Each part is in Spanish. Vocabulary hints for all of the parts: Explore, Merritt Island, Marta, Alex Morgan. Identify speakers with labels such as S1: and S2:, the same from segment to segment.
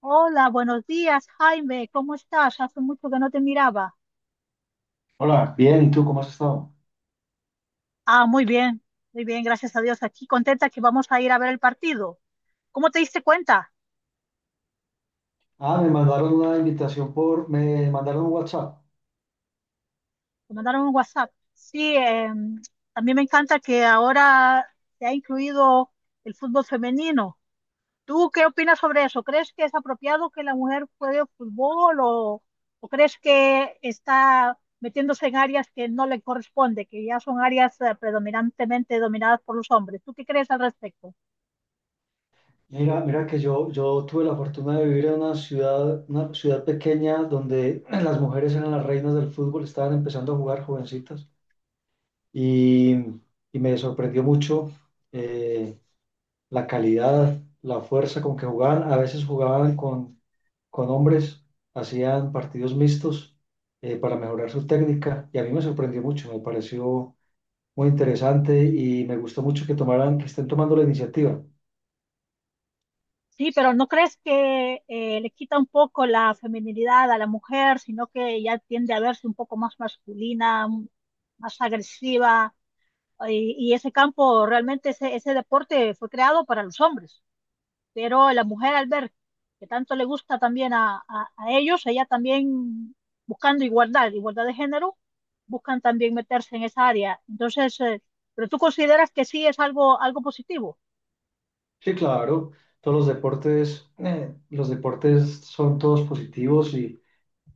S1: Hola, buenos días, Jaime. ¿Cómo estás? Hace mucho que no te miraba.
S2: Hola, bien, ¿y tú cómo has estado?
S1: Ah, muy bien, gracias a Dios. Aquí contenta que vamos a ir a ver el partido. ¿Cómo te diste cuenta?
S2: Ah, me mandaron una invitación por, me mandaron un WhatsApp.
S1: Te mandaron un WhatsApp. Sí, a mí me encanta que ahora se ha incluido el fútbol femenino. ¿Tú qué opinas sobre eso? ¿Crees que es apropiado que la mujer juegue fútbol o crees que está metiéndose en áreas que no le corresponde, que ya son áreas predominantemente dominadas por los hombres? ¿Tú qué crees al respecto?
S2: Mira, mira que yo, tuve la fortuna de vivir en una ciudad pequeña donde las mujeres eran las reinas del fútbol, estaban empezando a jugar jovencitas y, y me sorprendió mucho eh, la calidad, la fuerza con que jugaban. A veces jugaban con hombres, hacían partidos mixtos para mejorar su técnica y a mí me sorprendió mucho, me pareció muy interesante y me gustó mucho que tomaran, que estén tomando la iniciativa.
S1: Sí, pero ¿no crees que le quita un poco la feminilidad a la mujer, sino que ya tiende a verse un poco más masculina, más agresiva? Y ese campo, realmente ese deporte fue creado para los hombres. Pero la mujer al ver que tanto le gusta también a ellos, ella también buscando igualdad, igualdad de género, buscan también meterse en esa área. Entonces, pero tú consideras que sí es algo, algo positivo.
S2: Sí, claro, todos los deportes son todos positivos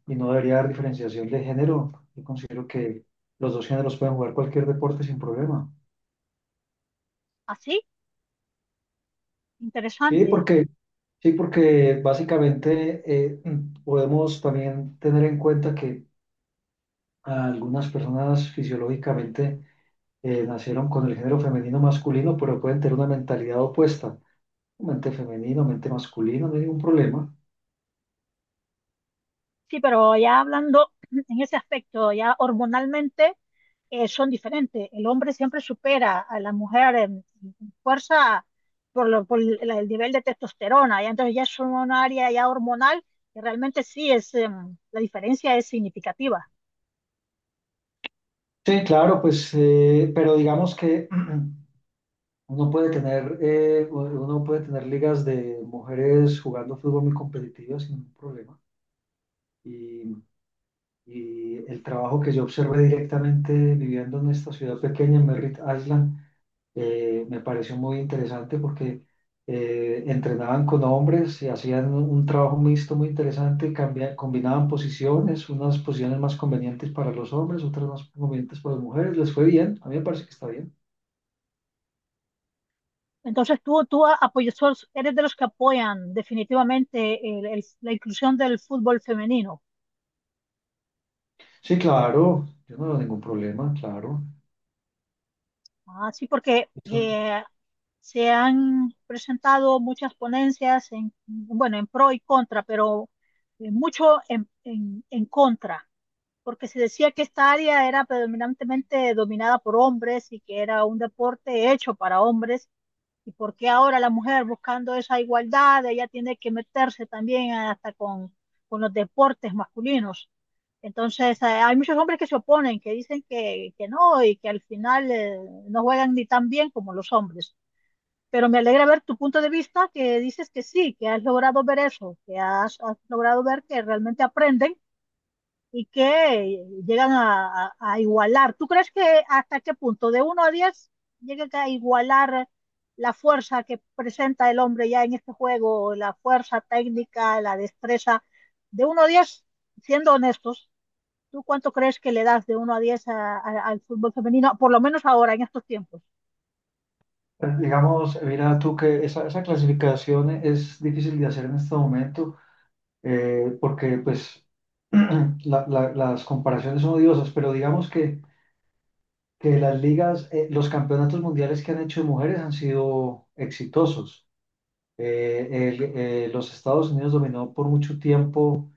S2: y no debería haber diferenciación de género. Yo considero que los dos géneros pueden jugar cualquier deporte sin problema.
S1: Así,
S2: Sí,
S1: interesante.
S2: porque, sí, porque básicamente podemos también tener en cuenta que algunas personas fisiológicamente nacieron con el género femenino masculino, pero pueden tener una mentalidad opuesta. Mente femenino, mente masculino, no hay ningún problema.
S1: Sí, pero ya hablando en ese aspecto, ya hormonalmente. Son diferentes. El hombre siempre supera a la mujer en fuerza por el nivel de testosterona, y entonces ya es un área ya hormonal que realmente sí es, la diferencia es significativa.
S2: Sí, claro, pues, pero digamos que uno puede tener ligas de mujeres jugando fútbol muy competitivas sin ningún problema. Y, y el trabajo que yo observé directamente viviendo en esta ciudad pequeña, en Merritt Island, me pareció muy interesante porque entrenaban con hombres y hacían un trabajo mixto muy interesante, combinaban posiciones, unas posiciones más convenientes para los hombres, otras más convenientes para las mujeres, les fue bien, a mí me parece que está bien.
S1: Entonces tú apoyas, eres de los que apoyan definitivamente la inclusión del fútbol femenino.
S2: Sí, claro, yo no veo ningún problema, claro.
S1: Así porque
S2: Eso,
S1: se han presentado muchas ponencias en, bueno, en pro y contra, pero mucho en contra porque se decía que esta área era predominantemente dominada por hombres y que era un deporte hecho para hombres. ¿Y por qué ahora la mujer buscando esa igualdad, ella tiene que meterse también hasta con los deportes masculinos? Entonces, hay muchos hombres que se oponen, que dicen que no y que al final no juegan ni tan bien como los hombres. Pero me alegra ver tu punto de vista, que dices que sí, que has logrado ver eso, has logrado ver que realmente aprenden y que llegan a igualar. ¿Tú crees que hasta qué punto, de uno a 10, llega a igualar la fuerza que presenta el hombre ya en este juego, la fuerza técnica, la destreza? De uno a 10, siendo honestos, ¿tú cuánto crees que le das de uno a 10 al fútbol femenino, por lo menos ahora, en estos tiempos?
S2: digamos, mira tú que esa clasificación es difícil de hacer en este momento porque pues las comparaciones son odiosas, pero digamos que las ligas, los campeonatos mundiales que han hecho de mujeres han sido exitosos. Eh, los Estados Unidos dominó por mucho tiempo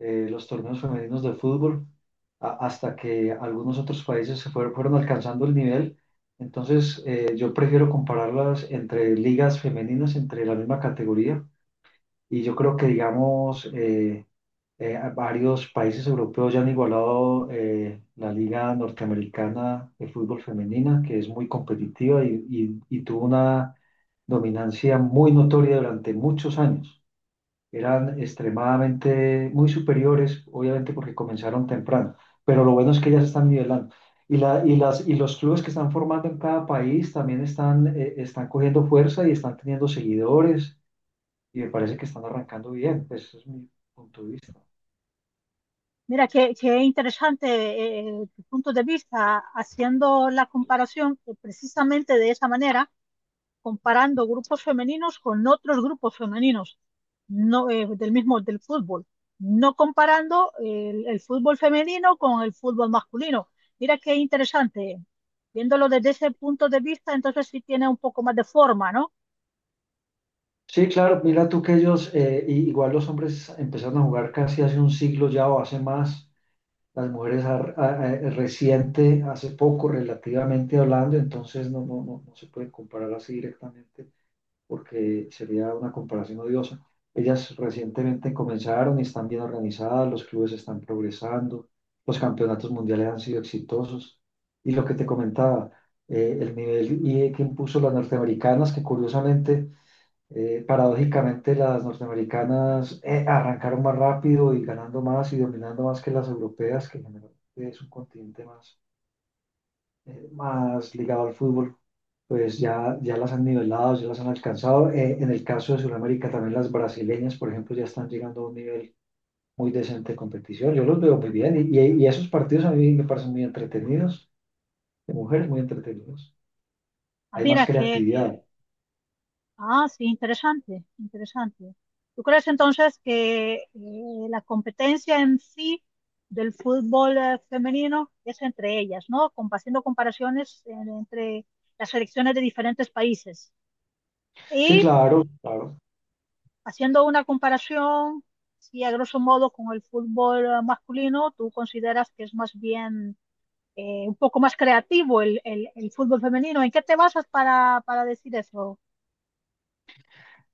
S2: los torneos femeninos de fútbol hasta que algunos otros países fueron alcanzando el nivel. Entonces, yo prefiero compararlas entre ligas femeninas, entre la misma categoría. Y yo creo que, digamos, varios países europeos ya han igualado la Liga Norteamericana de Fútbol Femenina, que es muy competitiva y, y tuvo una dominancia muy notoria durante muchos años. Eran extremadamente muy superiores, obviamente porque comenzaron temprano, pero lo bueno es que ya se están nivelando. Y los clubes que están formando en cada país también están cogiendo fuerza y están teniendo seguidores y me parece que están arrancando bien, pues ese es mi punto de vista.
S1: Mira, qué interesante tu punto de vista haciendo la comparación precisamente de esa manera comparando grupos femeninos con otros grupos femeninos no, del mismo del fútbol, no comparando el fútbol femenino con el fútbol masculino. Mira qué interesante. Viéndolo desde ese punto de vista, entonces sí tiene un poco más de forma, ¿no?
S2: Sí, claro, mira tú que ellos, igual los hombres empezaron a jugar casi hace un siglo ya o hace más, las mujeres reciente, hace poco relativamente hablando, entonces no, no, no, no se puede comparar así directamente porque sería una comparación odiosa. Ellas recientemente comenzaron y están bien organizadas, los clubes están progresando, los campeonatos mundiales han sido exitosos y lo que te comentaba, el nivel y que impuso las norteamericanas, que curiosamente paradójicamente, las norteamericanas arrancaron más rápido y ganando más y dominando más que las europeas, que generalmente es un continente más ligado al fútbol. Pues ya, ya las han nivelado, ya las han alcanzado. En el caso de Sudamérica, también las brasileñas, por ejemplo, ya están llegando a un nivel muy decente de competición. Yo los veo muy bien y, y esos partidos a mí me parecen muy entretenidos, de mujeres muy entretenidos.
S1: Ah,
S2: Hay más
S1: mira,
S2: creatividad.
S1: ah, sí, interesante, interesante. ¿Tú crees entonces que la competencia en sí del fútbol femenino es entre ellas, ¿no? Haciendo comparaciones entre las selecciones de diferentes países
S2: Sí,
S1: y
S2: claro, claro.
S1: haciendo una comparación, si a grosso modo con el fútbol masculino, ¿tú consideras que es más bien un poco más creativo el fútbol femenino? ¿En qué te basas para decir eso?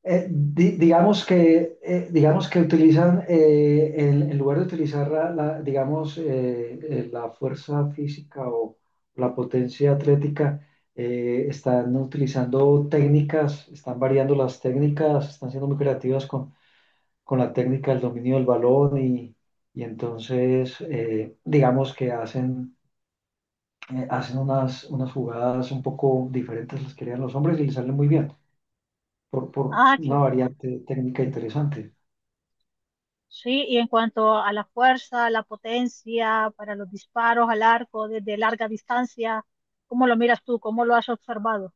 S2: Digamos que, digamos que utilizan, en lugar de utilizar digamos, la fuerza física o la potencia atlética, están utilizando técnicas, están variando las técnicas, están siendo muy creativas con la técnica del dominio del balón y entonces, digamos que hacen, hacen unas, unas jugadas un poco diferentes las que harían los hombres y les salen muy bien por
S1: Ah, qué,
S2: una variante técnica interesante.
S1: sí, y en cuanto a la fuerza, la potencia para los disparos al arco desde larga distancia, ¿cómo lo miras tú? ¿Cómo lo has observado?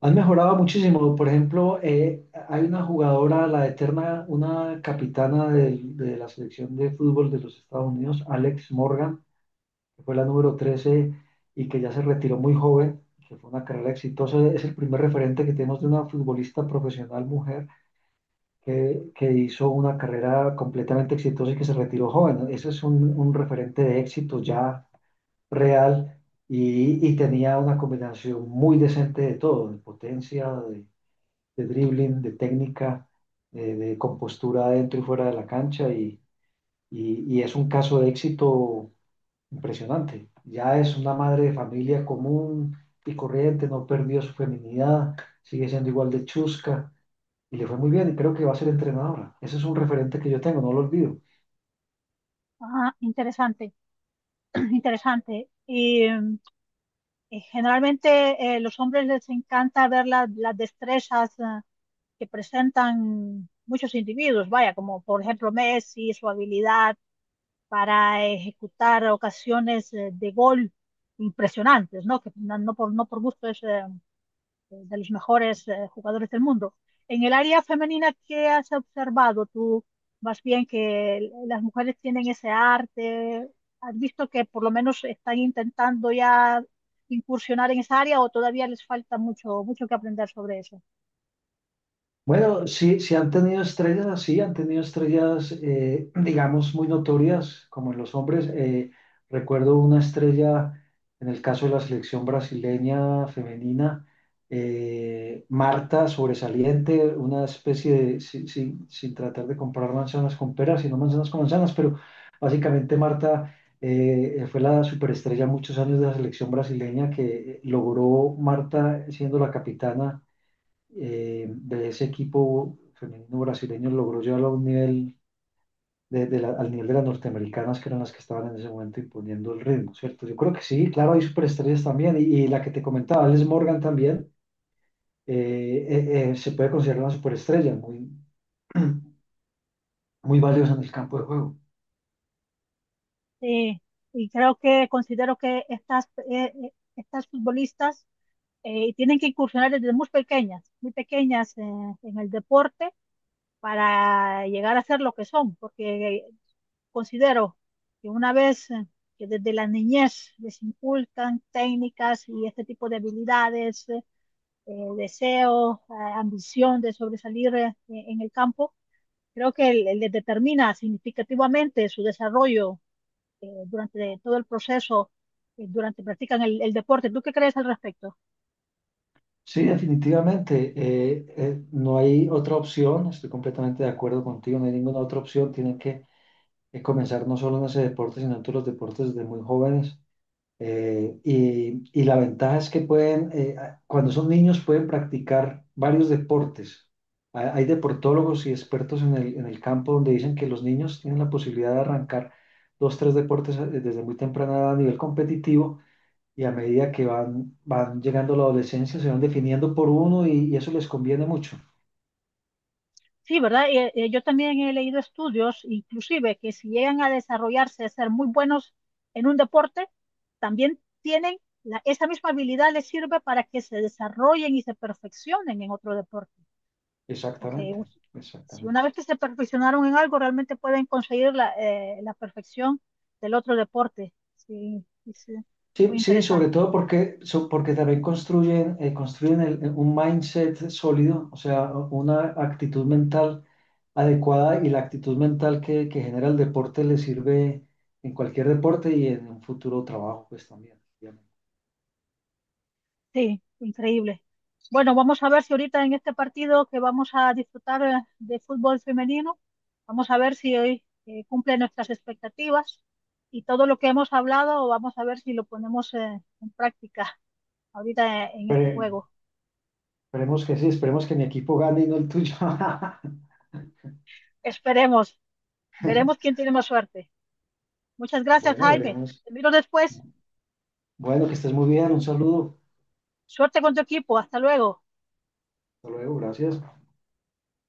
S2: Han mejorado muchísimo. Por ejemplo, hay una jugadora, la eterna, una capitana la selección de fútbol de los Estados Unidos, Alex Morgan, que fue la número 13 y que ya se retiró muy joven, que fue una carrera exitosa. Es el primer referente que tenemos de una futbolista profesional mujer que hizo una carrera completamente exitosa y que se retiró joven. Ese es un referente de éxito ya real y tenía una combinación muy decente de todo, de potencia, de dribbling, de técnica, de compostura dentro y fuera de la cancha y, y es un caso de éxito impresionante. Ya es una madre de familia común y corriente, no perdió su feminidad, sigue siendo igual de chusca y le fue muy bien y creo que va a ser entrenadora. Ese es un referente que yo tengo, no lo olvido.
S1: Ah, interesante, interesante. Y mm, generalmente los hombres les encanta ver las destrezas ah, que presentan muchos individuos, vaya, como por ejemplo Messi, su habilidad para ejecutar ocasiones de gol impresionantes, ¿no? Que no por gusto es, de los mejores jugadores del mundo. En el área femenina, ¿qué has observado tú? Más bien que las mujeres tienen ese arte. ¿Has visto que por lo menos están intentando ya incursionar en esa área o todavía les falta mucho, mucho que aprender sobre eso?
S2: Bueno, sí, sí han tenido estrellas así, han tenido estrellas, digamos, muy notorias, como en los hombres. Recuerdo una estrella, en el caso de la selección brasileña femenina, Marta, sobresaliente, una especie de, sin tratar de comparar manzanas con peras, sino manzanas con manzanas, pero básicamente Marta fue la superestrella muchos años de la selección brasileña que logró, Marta siendo la capitana de ese equipo femenino brasileño logró llevarlo a un nivel de, al nivel de las norteamericanas que eran las que estaban en ese momento imponiendo el ritmo, ¿cierto? Yo creo que sí, claro, hay superestrellas también, y la que te comentaba, Alice Morgan también, se puede considerar una superestrella, muy, muy valiosa en el campo de juego.
S1: Sí, y creo que considero que estas futbolistas tienen que incursionar desde muy pequeñas en el deporte para llegar a ser lo que son, porque considero que una vez que desde la niñez les inculcan técnicas y este tipo de habilidades, deseo, ambición de sobresalir en el campo, creo que les determina significativamente su desarrollo durante todo el proceso, durante practican el deporte. ¿Tú qué crees al respecto?
S2: Sí, definitivamente, no hay otra opción, estoy completamente de acuerdo contigo, no hay ninguna otra opción, tienen que comenzar no solo en ese deporte, sino en todos los deportes desde muy jóvenes. Y la ventaja es que pueden, cuando son niños, pueden practicar varios deportes. Hay deportólogos y expertos en el, campo donde dicen que los niños tienen la posibilidad de arrancar dos, tres deportes desde muy temprana edad a nivel competitivo y a medida que van, van llegando a la adolescencia se van definiendo por uno y eso les conviene mucho.
S1: Sí, ¿verdad? Yo también he leído estudios, inclusive, que si llegan a desarrollarse, a ser muy buenos en un deporte, también tienen esa misma habilidad les sirve para que se desarrollen y se perfeccionen en otro deporte. Porque
S2: Exactamente,
S1: si
S2: exactamente.
S1: una vez que se perfeccionaron en algo, realmente pueden conseguir la, la perfección del otro deporte. Sí, sí, sí,
S2: Sí,
S1: muy
S2: sí, sobre
S1: interesante.
S2: todo porque, porque también construyen, construyen un mindset sólido, o sea, una actitud mental adecuada y la actitud mental que genera el deporte le sirve en cualquier deporte y en un futuro trabajo, pues también, obviamente.
S1: Sí, increíble. Bueno, vamos a ver si ahorita en este partido que vamos a disfrutar de fútbol femenino, vamos a ver si hoy cumple nuestras expectativas y todo lo que hemos hablado, vamos a ver si lo ponemos en práctica ahorita en este
S2: Espere-
S1: juego.
S2: Esperemos que sí, esperemos que mi equipo gane y no el tuyo.
S1: Esperemos, veremos quién tiene más suerte. Muchas gracias,
S2: Bueno,
S1: Jaime.
S2: veremos.
S1: Te miro después.
S2: Bueno, que estés muy bien, un saludo.
S1: Suerte con tu equipo. Hasta luego.
S2: Hasta luego, gracias.